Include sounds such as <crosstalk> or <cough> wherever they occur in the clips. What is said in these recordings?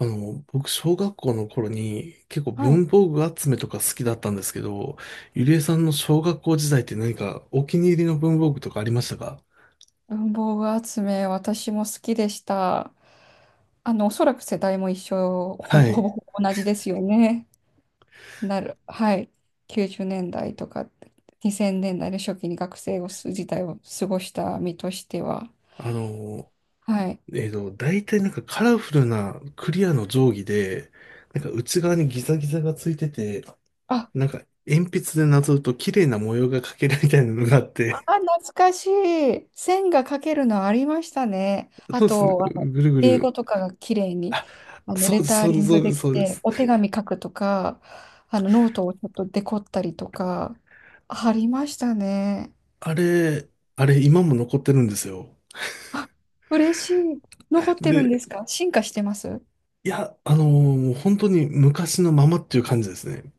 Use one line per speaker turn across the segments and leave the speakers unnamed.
僕、小学校の頃に結構
はい。
文房具集めとか好きだったんですけど、ゆりえさんの小学校時代って何かお気に入りの文房具とかありましたか？
文房具集め、私も好きでした。おそらく世代も一緒、ほん
は
と、ほ
い。
ぼほぼ同じですよね。なる。はい。90年代とか2000年代の初期に学生をす時代を過ごした身としては。
あの、
はい。
大体なんかカラフルなクリアの定規で、なんか内側にギザギザがついてて、
あ、
なんか鉛筆でなぞると綺麗な模様が描けるみたいなのがあっ
あ
て、
ー、懐かしい。線が描けるのありましたね。あ
そうです。
と、
ぐるぐ
英語
る。
とかが綺麗に、
そう
レ
です、
タ
そ
ー
う
リ
です、
ン
そ
グ
うです、
でき
そうで
て、
す。
お手紙書くとか、ノートをちょっとデコったりとか、ありましたね。
あれ、あれ今も残ってるんですよ。
<laughs> あ、嬉しい。残ってるんで
で、
すか？進化してます？
いや、もう本当に昔のままっていう感じですね。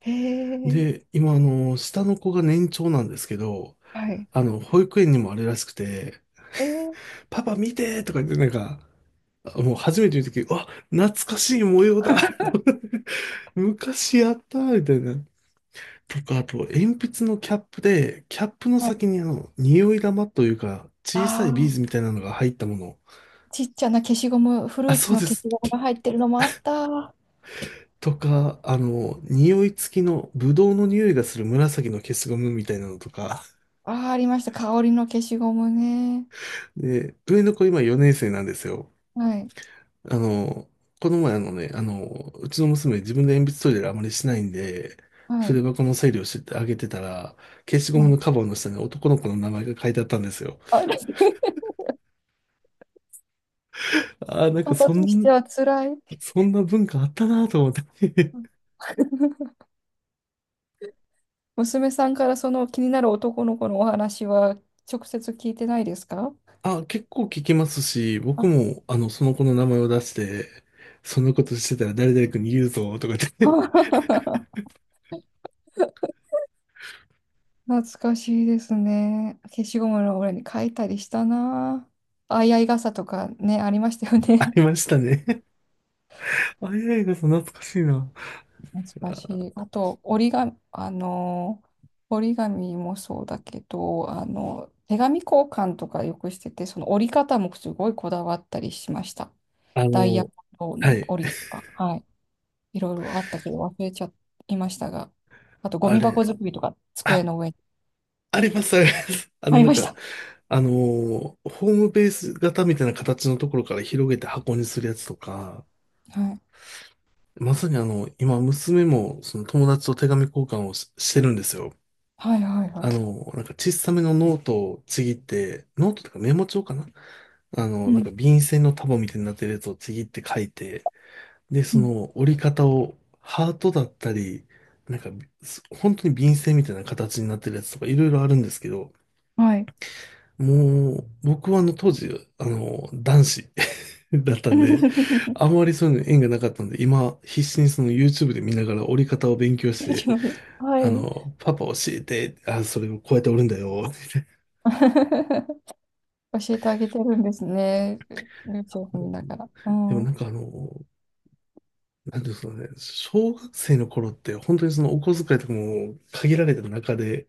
へえ、
で、今、下の子が年長なんですけど、
はい。
あの、保育園にもあれらしくて、
えー、
パパ見てとか言って、なんか、あ、もう初めて言うとき、うわ、懐かしい模様だ。
<laughs>
<laughs> 昔やったみたいな。とか、あと、鉛筆のキャップで、キャップの
はい。
先にあの、匂い玉というか、小さ
あ
いビーズみ
あ、
たいなのが入ったもの。
ちっちゃな消しゴム、フル
あ、
ーツ
そう
の
で
消し
す。
ゴムが入ってるのもあった。あ
とか、あの、匂い付きの、ブドウの匂いがする紫の消しゴムみたいなのとか。
あ、ありました。香りの消しゴムね。
で、上の子今4年生なんですよ。
はい。
あの、この前あのね、あの、うちの娘自分で鉛筆トイレあまりしないんで、
は
筆
い。
箱の整理をしてあげてたら、消しゴ
は
ムの
い。
カバーの下に男の子の名前が書いてあったんですよ。
あれ <laughs>
ああ、
パパとしては辛い。
そんな文化あったなと思って。
<laughs> 娘さんからその気になる男の子のお話は直接聞いてないですか？
<laughs> あ、結構聞きますし、
あ
僕もあの、その子の名前を出して、そんなことしてたら誰々君に言うぞとかって。
<laughs> 懐かしいですね。消しゴムの裏に書いたりしたな。あいあい傘とかね、ありましたよ
<laughs> あ
ね。
りましたね。<laughs> あ、いやいや、懐かしいな。
難しい。あと、折り紙、折り紙もそうだけど、手紙交換とかよくしてて、その折り方もすごいこだわったりしました。
あ
ダイヤ
の、
モンド
は
の
い。
折りとか、はい。いろいろあったけど忘れちゃいましたが、あとゴ
あ
ミ箱
れ、
作りとか机
あ、
の上に
あります、あります。<laughs> あ
あ
の、
り
なん
まし
か、
た。
ホームベース型みたいな形のところから広げて箱にするやつとか、
はい。
まさにあの、今、娘も、その友達と手紙交換をしてるんですよ。
はいはいは
あの、なんか小さめのノートをちぎって、ノートとかメモ帳かな。あの、
い。う
なん
ん。
か便箋の束みたいになってるやつをちぎって書いて、で、
う
そ
ん。
の折り方をハートだったり、なんか、本当に便箋みたいな形になってるやつとかいろいろあるんですけど、
はい。
もう、僕はあの当時、あの、男子 <laughs> だったんで、あんま
<laughs>
りそういうの縁がなかったんで、今、必死にその YouTube で見ながら折り方を勉強して、
は
あ
い。
の、パパ教えて、あ、それをこうやって折るんだよ。
<laughs> 教えてあげてるんですね。YouTube 見ながら。う
でも
ん。
なんかあの、なんていうんですかね、小学生の頃って本当にそのお小遣いとかも限られた中で、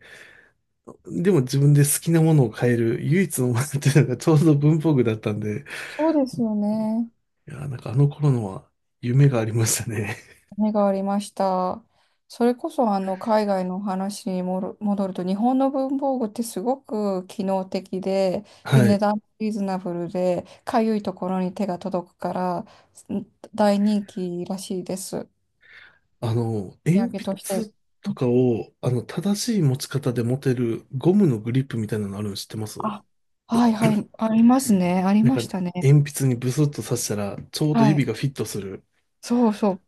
でも自分で好きなものを変える唯一のものっていうのがちょうど文房具だったんで、
そうですよね。
いやー、なんかあの頃のは夢がありましたね。
目がありました。それこそあの海外の話にもろ戻ると、日本の文房具ってすごく機能的で、
<laughs>
で、
は
値
い。
段もリーズナブルで、かゆいところに手が届くから、ん、大人気らしいです。お
あの、
土
鉛
産として。
筆とかを、あの、正しい持ち方で持てるゴムのグリップみたいなのあるの知ってます？
あ、はいはい、ありますね。あり
なん
ま
か、
したね。
鉛筆にブスッと刺したら、ちょうど
は
指
い。
がフィットする。
そうそう、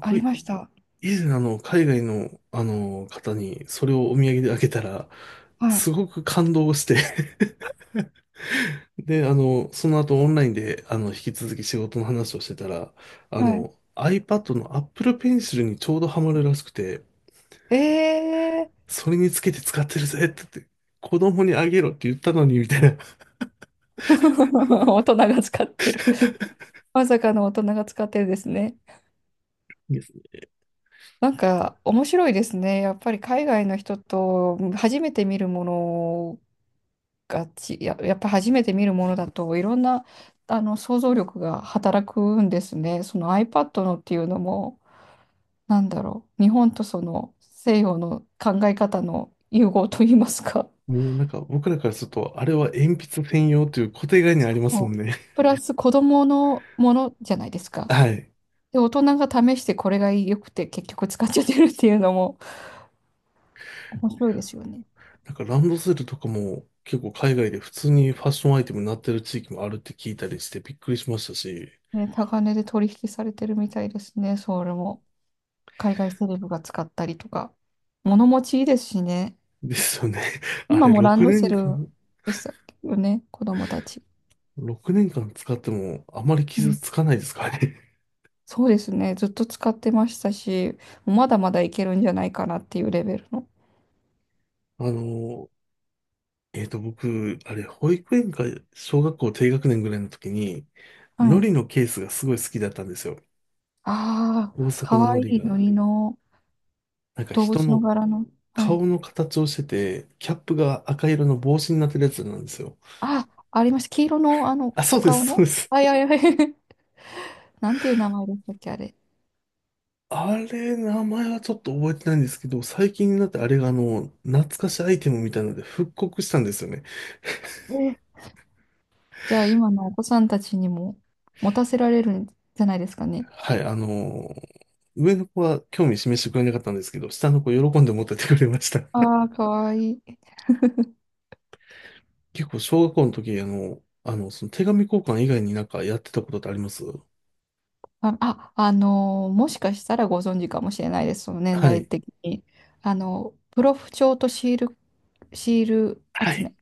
ありました。
以前あの、海外の、あの、方にそれをお土産であげたら、
はい。
すごく感動して。 <laughs> で、あの、その後オンラインで、あの、引き続き仕事の話をしてたら、あ
はい。
の、iPad の Apple Pencil にちょうどハマるらしくて、
ええ
それにつけて使ってるぜって言って、子供にあげろって言ったのに、みたいな。
ー、<laughs> 大人が使ってる。
<laughs>
まさかの大人が使ってるんですね。
いいです。
なんか面白いですね。やっぱり海外の人と初めて見るものがち、や、やっぱ初めて見るものだといろんな、あの、想像力が働くんですね。その iPad のっていうのも、なんだろう、日本とその西洋の考え方の融合といいますか。
もうなんか僕らからすると、あれは鉛筆専用という固定概念ありますも
そう、
んね。
プラス子供のものじゃないです
<laughs>
か。
はい。
で、大人が試してこれが良くて結局使っちゃってるっていうのも面白いですよね。
なんかランドセルとかも結構海外で普通にファッションアイテムになってる地域もあるって聞いたりしてびっくりしましたし。
ね、高値で取引されてるみたいですね、それも。海外セレブが使ったりとか。物持ちいいですしね。
ですよね。<laughs> あ
今
れ
もラン
6
ド
年
セル
間
でしたよね、子供たち。
6年間使ってもあまり
う
傷
ん、
つかないですかね。
そうですね、ずっと使ってましたし、まだまだいけるんじゃないかなっていうレベルの。
<laughs> あの、えっと、僕、あれ、保育園か小学校低学年ぐらいの時に、海
はい。
苔のケースがすごい好きだったんですよ。
あ
大
あ、
阪
か
の
わい
海苔
いの
が、
りの
なんか
動
人
物の
の
柄の。はい。
顔の形をしてて、キャップが赤色の帽子になってるやつなんですよ。
あ、ありました。黄色の、
あ、そ
お
うで
顔
す、そ
の。
うです。
はいはいはい。<laughs> なんていう名前でしたっけ、あれ。
あれ、名前はちょっと覚えてないんですけど、最近になってあれがあの、懐かしアイテムみたいなので復刻したんですよね。
えー、じゃあ今のお子さんたちにも持たせられるんじゃないですかね。
はい、ー上の子は興味示してくれなかったんですけど、下の子喜んで持ってってくれました。<laughs>
ああ、かわいい。
結構小学校の時、その手紙交換以外になんかやってたことってあります？
あ、あ、もしかしたらご存知かもしれないです、その年
は
代
い。
的に。プロフ帳とシール、シール
は
集
い。
め。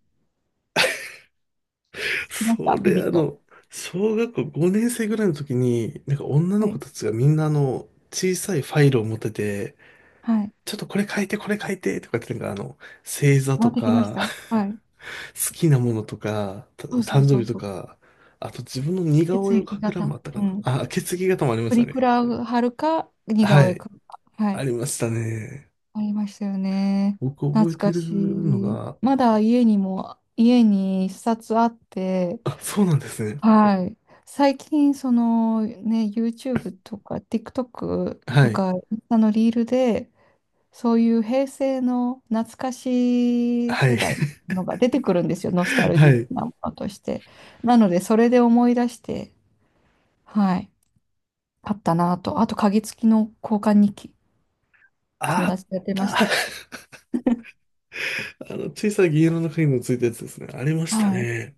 来まし
そ
たビ
れ
ビッ
あ
と。
の、小学校5年生ぐらいの時に、なんか女の
は
子
い。
たちがみんなあの、小さいファイルを持ってて、
はい。
ちょっとこれ書いて、これ書いて、とかってなんかあの、星座
回
と
ってきまし
か
た
<laughs>、
はい。
好きなものとか、
そうそう
誕生
そ
日
う
と
そう。
か、あと自分の似顔
血
絵を
液
描く欄もあ
型。
った
う
かな。
ん。
あ、血液型もありまし
プ
た
リク
ね。
ラを貼るか、似
は
顔絵
い。
か。は
あ
い。
りましたね。
ありましたよね。
僕覚え
懐
て
か
るの
しい。
が、
まだ家にも、家に一冊あって、
あ、そうなんですね。
はい。最近、そのね、YouTube とか TikTok
は
と
い。
か、インスタのリールで、そういう平成の懐かしい
は
世
い。
代のが出てくるんですよ。ノスタ
<laughs>
ル
は
ジ
い。
ーなものとして。なので、それで思い出して、はい。買ったなと。あと、鍵付きの交換日記、友
あっ
達とやってま
た。
した。
<laughs> あの、小さい銀色の鍵のついたやつですね。ありました
はい。
ね。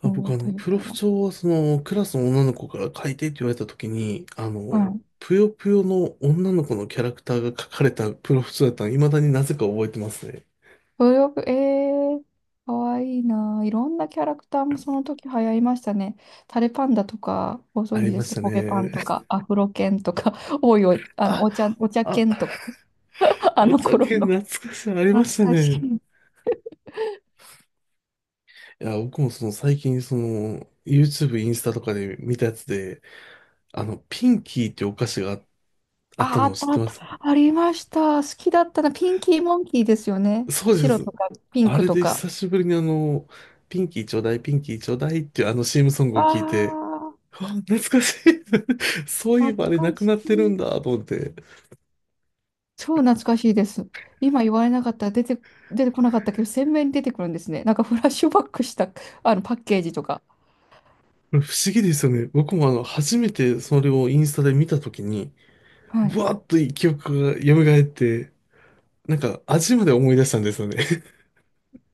あ、
も
僕、あ
う
の、
と言っ
プロ
た
フ
ら。
帳は、その、クラスの女の子から書いてって言われた時に、あ
は
の、
い、
ぷよぷよの女の子のキャラクターが書かれたプロフ帳だったの、未だになぜか覚えてますね。
ブログ、えー、かわいいなあ。いろんなキャラクターもその時流行りましたね。タレパンダとか、ご
あ
存
り
知で
ま
す
し
か
た
コゲパンと
ね。
か、アフロ犬とか、<laughs> おいおい、
あ、
お茶
あ、
犬とか、<laughs> あ
お
の頃
酒
の。
懐かしい、ありまし
懐
た
かし
ね。
い。
いや、僕もその最近、その、YouTube、インスタとかで見たやつで、あの、ピンキーってお菓子があった
あ、あ
のを
っ
知っ
たあ
て
っ
ま
た。
す？
ありました。好きだったな。ピンキーモンキーですよね。
そうで
白と
す。
かピン
あ
ク
れ
と
で
か。
久しぶりにあの、ピンキーちょうだい、ピンキーちょうだいっていうあの CM ソング
あ
を聞いて、
あ、
うわ、懐かしい。<laughs> そういえば
懐
あれ
か
なく
し
なってる
い。
んだと思って。
超懐かしいです。今言われなかったら出て、出てこなかったけど、鮮明に出てくるんですね。なんかフラッシュバックしたあのパッケージとか。
これ不思議ですよね。僕もあの、初めてそれをインスタで見たときに、
はい。
ブワーッと記憶が蘇って、なんか味まで思い出したんですよね。<laughs>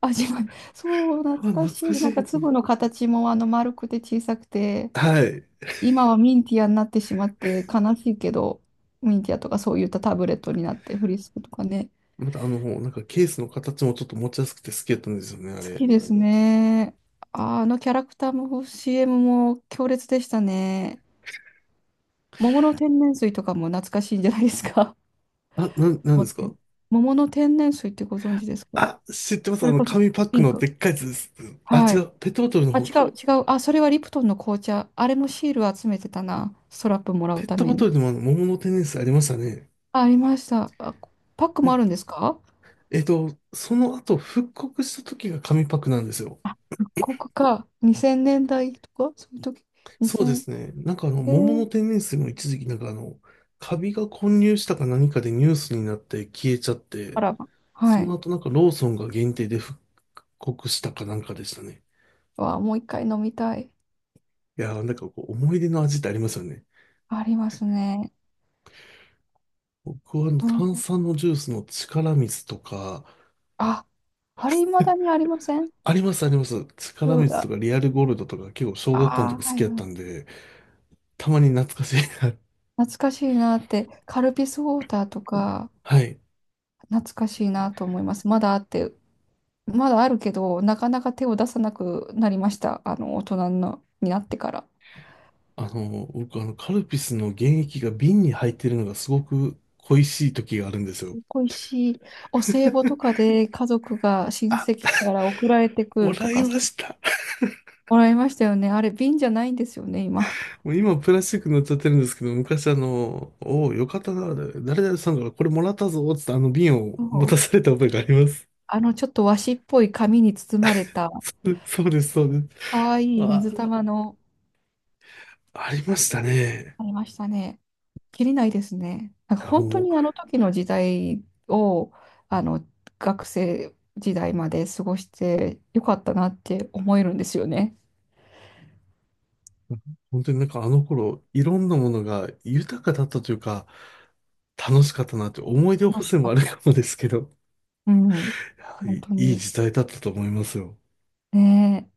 味わい。そう、
あ、
懐か
懐
し
か
い。
し
なんか
いと思っ
粒
て。
の形もあの丸くて小さくて、
はい。
今はミンティアになってしまって悲しいけど、ミンティアとかそういったタブレットになって、フリスクとかね。
またあの、なんかケースの形もちょっと持ちやすくて好きだったんですよね、あ
好
れ。
きですね。ああのキャラクターも CM も強烈でしたね。桃の天然水とかも懐かしいんじゃないですか？
あ、なん
も
で
う
すか？
ね、桃の天然水ってご存知ですか？
あ、知ってま
そ
す。あ
れ
の、
こそ
紙パッ
ピ
ク
ン
ので
ク。
っかいやつです。あ、
は
違
い。
う。ペットボトルの
あ、違
方か。
う、違う。あ、それはリプトンの紅茶。あれもシール集めてたな。ストラップもら
ペ
う
ッ
た
ト
め
ボト
に。
ルでもあの、桃の天然水ありましたね。
あ、ありました。あ、パック
な
も
ん
あるん
か
ですか？
えっと、その後復刻した時が紙パックなんですよ。
あ、復刻か。2000年代とかそういう時。
そうで
2000、
すね。なんかあの、
え
桃の
ー、
天然水も一時期なんかあの、カビが混入したか何かでニュースになって消えちゃっ
あ
て、
らま。
そ
は
の
い。
後なんかローソンが限定でしたかなんかでしたね。
わ、もう一回飲みたい。
いやーなんかこう思い出の味ってありますよね。
ありますね。
僕はあの
うん、
炭酸のジュースの力水とか、
あ、あれ未だにありません？
ありますあります。力
う
水と
わ、
かリアルゴールドとか結構小学校の
あー、
時好
は
き
い
やっ
は
た
い。
んで、たまに懐かしいな。
懐かしいなって、カルピスウォーターと
<laughs>
か、
はい。
懐かしいなと思います。まだあって、まだあるけど、なかなか手を出さなくなりました。大人のになってから。
あの、僕あのカルピスの原液が瓶に入ってるのがすごく恋しい時があるんですよ。
恋しい。お歳暮とかで家族が親
あ、
戚から送られてく
も
ると
らい
か、
ま
そう
した。
もらいましたよね。あれ、瓶じゃないんですよね、今。
もう今プラスチック乗っちゃってるんですけど、昔あの、おお、よかったな、誰々さんからこれもらったぞ、つってあの瓶を
そ
持た
う、
された覚えがあります。
ちょっと和紙っぽい紙に包まれた、
<laughs> そうそうです、そうで
か
す。
わいい
あ、
水玉の、
ありましたね。
ありましたね。きりないですね。なんか
いや
本当
もう、
にあの時の時代を、あの、学生時代まで過ごしてよかったなって思えるんですよね。
本当になんかあの頃、いろんなものが豊かだったというか、楽しかったなって思い出補
楽し
正
か
もあ
っ
る
た。
かもですけど、
うん。
いや、
本当
い
に。
時代だったと思いますよ。
ねえ